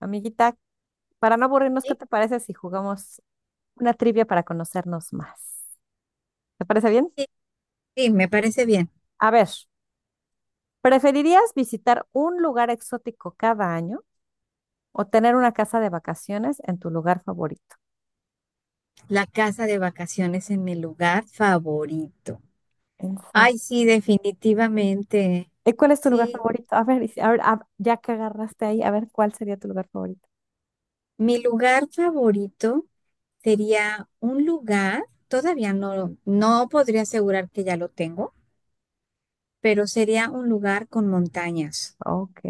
Amiguita, para no aburrirnos, ¿qué Sí, te parece si jugamos una trivia para conocernos más? ¿Te parece bien? sí, sí, me parece bien. A ver, ¿preferirías visitar un lugar exótico cada año o tener una casa de vacaciones en tu lugar favorito? La casa de vacaciones en mi lugar favorito. En serio. Ay, sí, definitivamente. ¿Y cuál es tu lugar Sí, favorito? A ver, si, a ver, ya que agarraste ahí, a ver, ¿cuál sería tu lugar favorito? mi lugar favorito sería un lugar, todavía no podría asegurar que ya lo tengo, pero sería un lugar con montañas. Ok.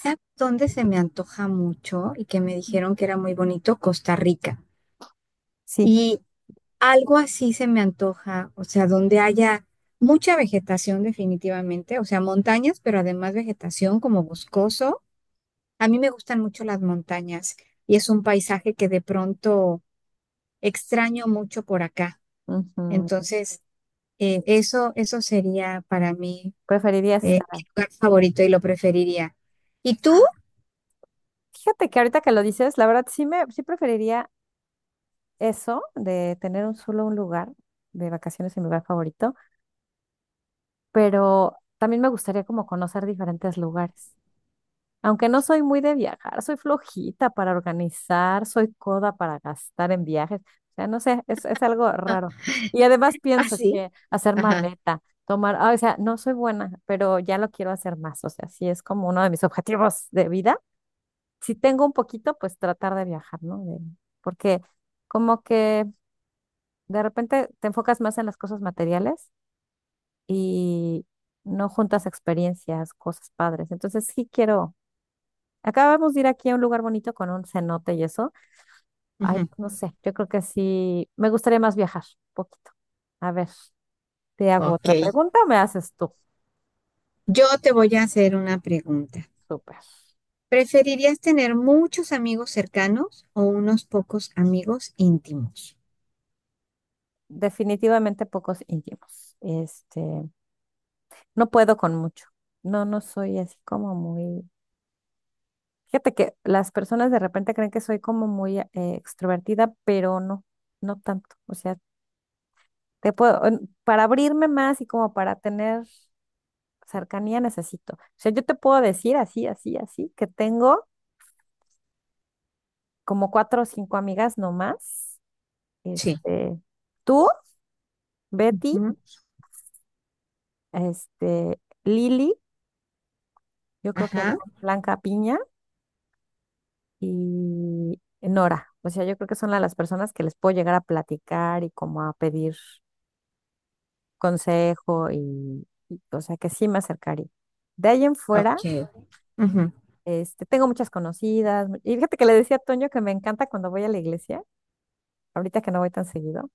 ¿Sabes dónde se me antoja mucho y que me dijeron que era muy bonito? Costa Rica. Sí. Y algo así se me antoja, o sea, donde haya mucha vegetación definitivamente, o sea, montañas, pero además vegetación como boscoso. A mí me gustan mucho las montañas y es un paisaje que de pronto extraño mucho por acá. Ujú. Entonces, eso sería para mí, Preferirías estar mi ahí. lugar favorito y lo preferiría. ¿Y tú? Fíjate que ahorita que lo dices, la verdad sí preferiría eso de tener un lugar de vacaciones en mi lugar favorito. Pero también me gustaría como conocer diferentes lugares. Aunque no soy muy de viajar, soy flojita para organizar, soy coda para gastar en viajes. O sea, no sé, es algo Ah, raro. Y además ah, pienso, sí. che, hacer Ajá. maleta, tomar, o sea, no soy buena, pero ya lo quiero hacer más. O sea, sí es como uno de mis objetivos de vida. Si tengo un poquito, pues tratar de viajar, ¿no? Porque como que de repente te enfocas más en las cosas materiales y no juntas experiencias, cosas padres. Entonces sí quiero, acabamos de ir aquí a un lugar bonito con un cenote y eso. Ay, Ujú. no sé, yo creo que sí, me gustaría más viajar un poquito. A ver, te hago Ok. otra pregunta, o me haces tú. Yo te voy a hacer una pregunta. Súper. ¿Preferirías tener muchos amigos cercanos o unos pocos amigos íntimos? Definitivamente pocos íntimos. Este, no puedo con mucho. No, no soy así como muy... Fíjate que las personas de repente creen que soy como muy extrovertida, pero no, no tanto. O sea, te puedo, para abrirme más y como para tener cercanía necesito. O sea, yo te puedo decir así, así, así, que tengo como cuatro o cinco amigas nomás. Sí. Este, tú, Betty, Ujú. este, Lili, yo creo que Ajá. Blanca Piña y Nora. O sea, yo creo que son las personas que les puedo llegar a platicar y como a pedir consejo y, o sea, que sí me acercaría. De ahí en fuera. Ok. Ujú. Este, tengo muchas conocidas. Y fíjate que le decía a Toño que me encanta cuando voy a la iglesia, ahorita que no voy tan seguido,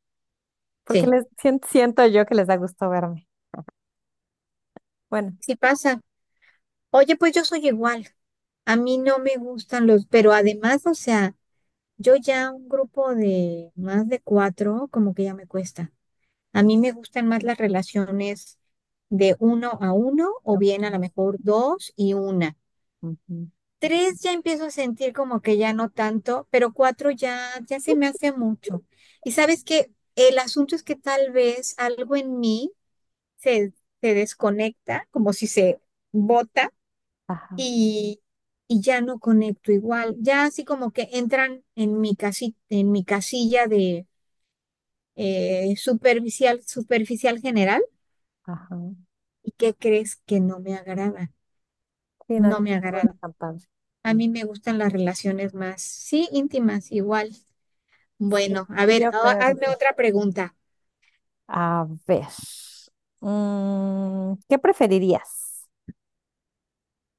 porque Sí. les siento yo que les da gusto verme. Bueno. Sí pasa. Oye, pues yo soy igual. A mí no me gustan los, pero además, o sea, yo ya un grupo de más de cuatro, como que ya me cuesta. A mí me gustan más las relaciones de uno a uno o bien a lo Ok. mejor dos y una. Ujú. Tres ya empiezo a sentir como que ya no tanto, pero cuatro ya, ya se me hace mucho. Y sabes que el asunto es que tal vez algo en mí se, se desconecta, como si se bota Ajá, y, y ya no conecto igual. Ya así como que entran en mi casi, en mi casilla de superficial, superficial general. ajá. ¿Y qué crees que no me agrada? Sí, no, ya No me está bueno agrada. tan padre. A mí me gustan las relaciones más, sí, íntimas, igual. Sí, Bueno, a y ver, yo creo que hazme sí. otra pregunta. A ver, ¿qué preferirías?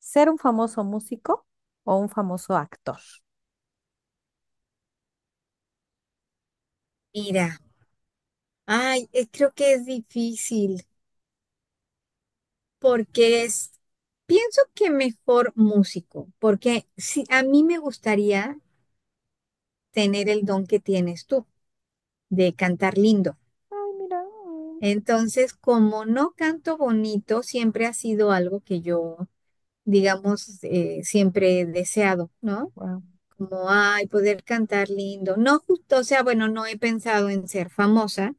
¿Ser un famoso músico o un famoso actor? Mira, ay, creo que es difícil porque es, pienso que mejor músico, porque si a mí me gustaría tener el don que tienes tú de cantar lindo. Ay, mira. Entonces, como no canto bonito, siempre ha sido algo que yo, digamos, siempre he deseado, ¿no? Wow. Como, ay, poder cantar lindo. No justo, o sea, bueno, no he pensado en ser famosa,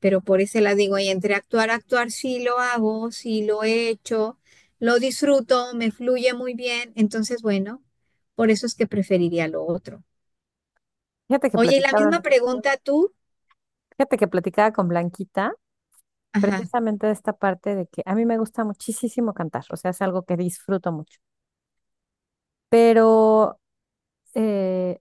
pero por eso la digo, y entre actuar, actuar sí lo hago, sí lo he hecho, lo disfruto, me fluye muy bien. Entonces, bueno, por eso es que preferiría lo otro. Fíjate que Oye, y la platicaba, misma pregunta tú. Fíjate que platicaba con Blanquita. Ajá. Precisamente de esta parte de que a mí me gusta muchísimo cantar, o sea, es algo que disfruto mucho, pero, eh,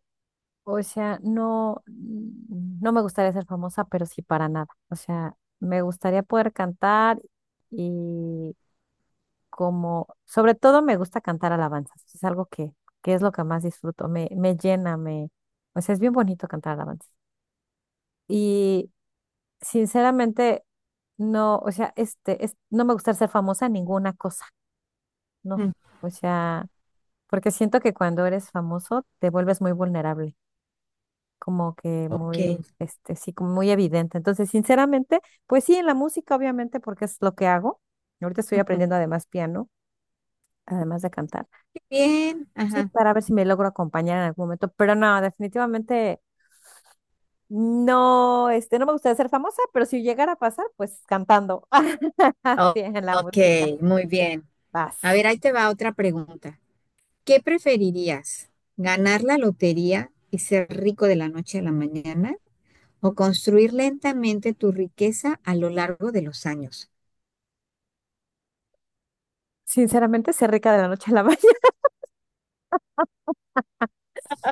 o sea, no me gustaría ser famosa, pero sí para nada, o sea, me gustaría poder cantar y como, sobre todo me gusta cantar alabanzas, es algo que es lo que más disfruto, me llena, o sea, es bien bonito cantar alabanzas. Y sinceramente, no, o sea, este, no me gusta ser famosa en ninguna cosa. No, Mm. o sea, porque siento que cuando eres famoso te vuelves muy vulnerable, como que Ok. muy, este, sí, como muy evidente. Entonces, sinceramente, pues sí, en la música, obviamente, porque es lo que hago. Ahorita estoy Ujú. aprendiendo además piano, además de cantar. Bien, Sí, ajá. para ver si me logro acompañar en algún momento, pero no, definitivamente no, este, no me gustaría ser famosa, pero si llegara a pasar, pues cantando. o- Sí, en la música. ok, muy bien. A Vas. ver, ahí te va otra pregunta. ¿Qué preferirías? ¿Ganar la lotería y ser rico de la noche a la mañana? ¿O construir lentamente tu riqueza a lo largo de los años? Sinceramente, sé rica de la noche a la mañana.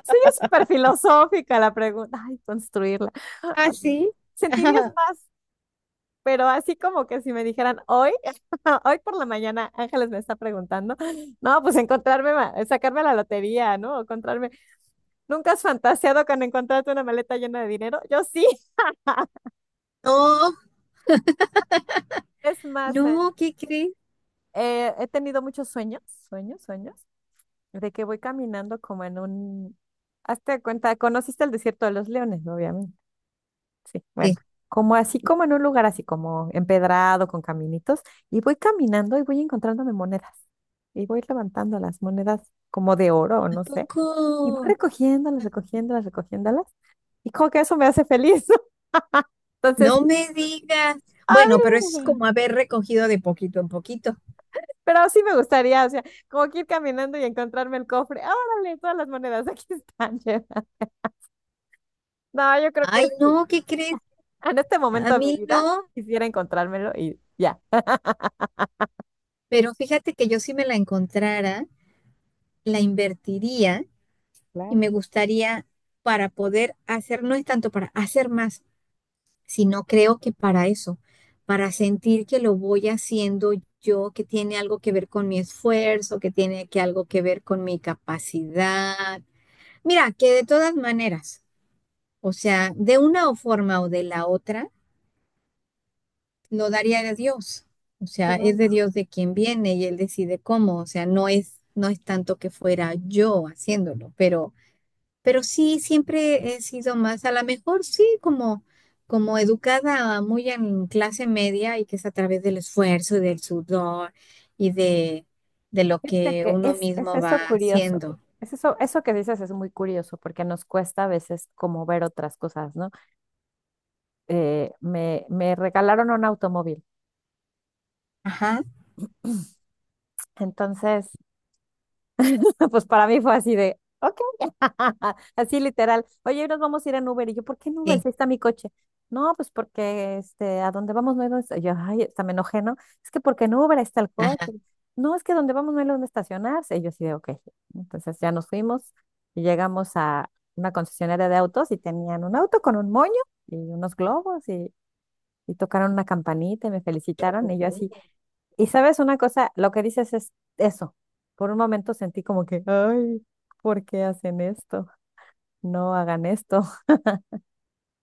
Sí, es súper filosófica la pregunta. Ay, construirla. O ¿Ah, sea, sí? sentirías más, pero así como que si me dijeran hoy, hoy por la mañana, Ángeles me está preguntando, no, pues encontrarme, sacarme la lotería, ¿no? O encontrarme. ¿Nunca has fantaseado con encontrarte una maleta llena de dinero? Yo sí. No, Es más, no, Ann, ¿qué crees? He tenido muchos sueños, sueños, sueños, de que voy caminando como en un... Hazte cuenta, conociste el Desierto de los Leones, obviamente. Sí, bueno, como así como en un lugar así como empedrado con caminitos y voy caminando y voy encontrándome monedas y voy levantando las monedas como de oro o no sé Tampoco, y voy recogiéndolas, recogiéndolas, recogiéndolas y como que eso me hace feliz. Entonces, no me digas. a Bueno, pero eso es mí, como haber recogido de poquito en poquito. pero sí me gustaría, o sea, como que ir caminando y encontrarme el cofre. Ah, órale, todas las monedas aquí están llenas. No, yo creo que Ay, sí. no, ¿qué crees? En este A momento de mi mí vida no, quisiera encontrármelo y ya. pero fíjate que yo si me la encontrara, la invertiría y Claro, me gustaría para poder hacer, no es tanto para hacer más, sino creo que para eso, para sentir que lo voy haciendo yo, que tiene algo que ver con mi esfuerzo, que tiene que algo que ver con mi capacidad. Mira, que de todas maneras, o sea, de una o forma o de la otra, lo daría a Dios. O sea, es de claro. Dios de quien viene y él decide cómo. O sea, no es tanto que fuera yo haciéndolo, pero. Pero sí, siempre he sido más, a lo mejor sí, como educada muy en clase media y que es a través del esfuerzo y del sudor y de lo Fíjate que que uno es mismo eso va curioso. haciendo. Es eso que dices es muy curioso porque nos cuesta a veces como ver otras cosas, ¿no? Me regalaron un automóvil. Ajá. Entonces, pues para mí fue así de, ok, así literal. Oye, hoy nos vamos a ir en Uber. Y yo, ¿por qué en Uber? Sí, Si está mi coche. No, pues porque este, a donde vamos no hay donde esta-". Yo, ay, hasta me enojé, ¿no? Es que porque en Uber ahí está el ajá. coche. No, es que donde vamos no hay donde estacionarse. Y yo así de, ok. Entonces ya nos fuimos y llegamos a una concesionaria de autos y tenían un auto con un moño y unos globos y tocaron una campanita y me felicitaron y yo así. Y sabes una cosa, lo que dices es eso. Por un momento sentí como que, ay, ¿por qué hacen esto? No hagan esto,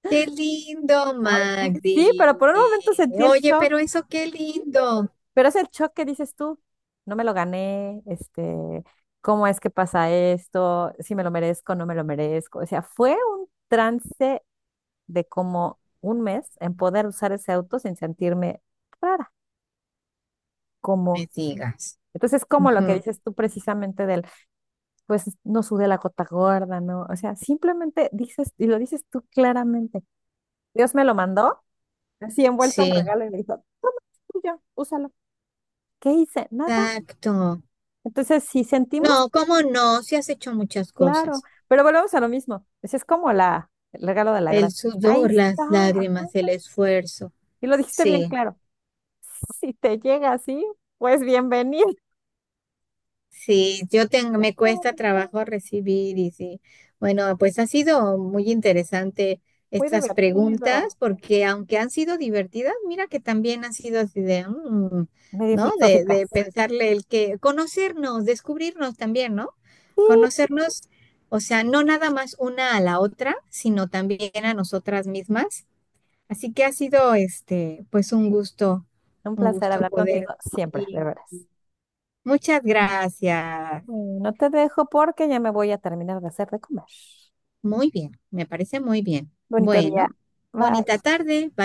Qué lindo, ¿no? Sí, pero Magdi. por un momento sentí el Oye, shock, pero eso qué lindo. pero es el shock que dices tú, no me lo gané, este, ¿cómo es que pasa esto? Si me lo merezco, no me lo merezco. O sea, fue un trance de como un mes en poder usar ese auto sin sentirme rara, Me como. digas. Entonces, como lo que Ujú. dices tú precisamente del, pues no sudé la gota gorda, ¿no? O sea, simplemente dices, y lo dices tú claramente, Dios me lo mandó, así envuelto en Sí, regalo y me dijo, tuyo, úsalo. ¿Qué hice? Nada. exacto. Entonces, si sentimos, No, cómo no, si has hecho muchas claro, cosas. pero volvemos a lo mismo. Pues, es como el regalo de la El gracia. Ahí sudor, está, las ajá. lágrimas, el esfuerzo. Y lo dijiste bien Sí, claro. Si te llega así, pues bienvenido. sí, yo tengo, me cuesta trabajo recibir y sí. Bueno, pues ha sido muy interesante Muy estas preguntas divertido. porque aunque han sido divertidas, mira que también han sido así de, Medio ¿no? De, filosóficas. de pensarle el que, conocernos, descubrirnos también, ¿no? Sí. Conocernos, o sea, no nada más una a la otra, sino también a nosotras mismas. Así que ha sido, este, pues Un un placer gusto hablar poder. contigo siempre, de Y veras. muchas gracias. Bueno, te dejo porque ya me voy a terminar de hacer de comer. Muy bien, me parece muy bien. Bonito día. Bueno, bonita Bye. tarde. Bye.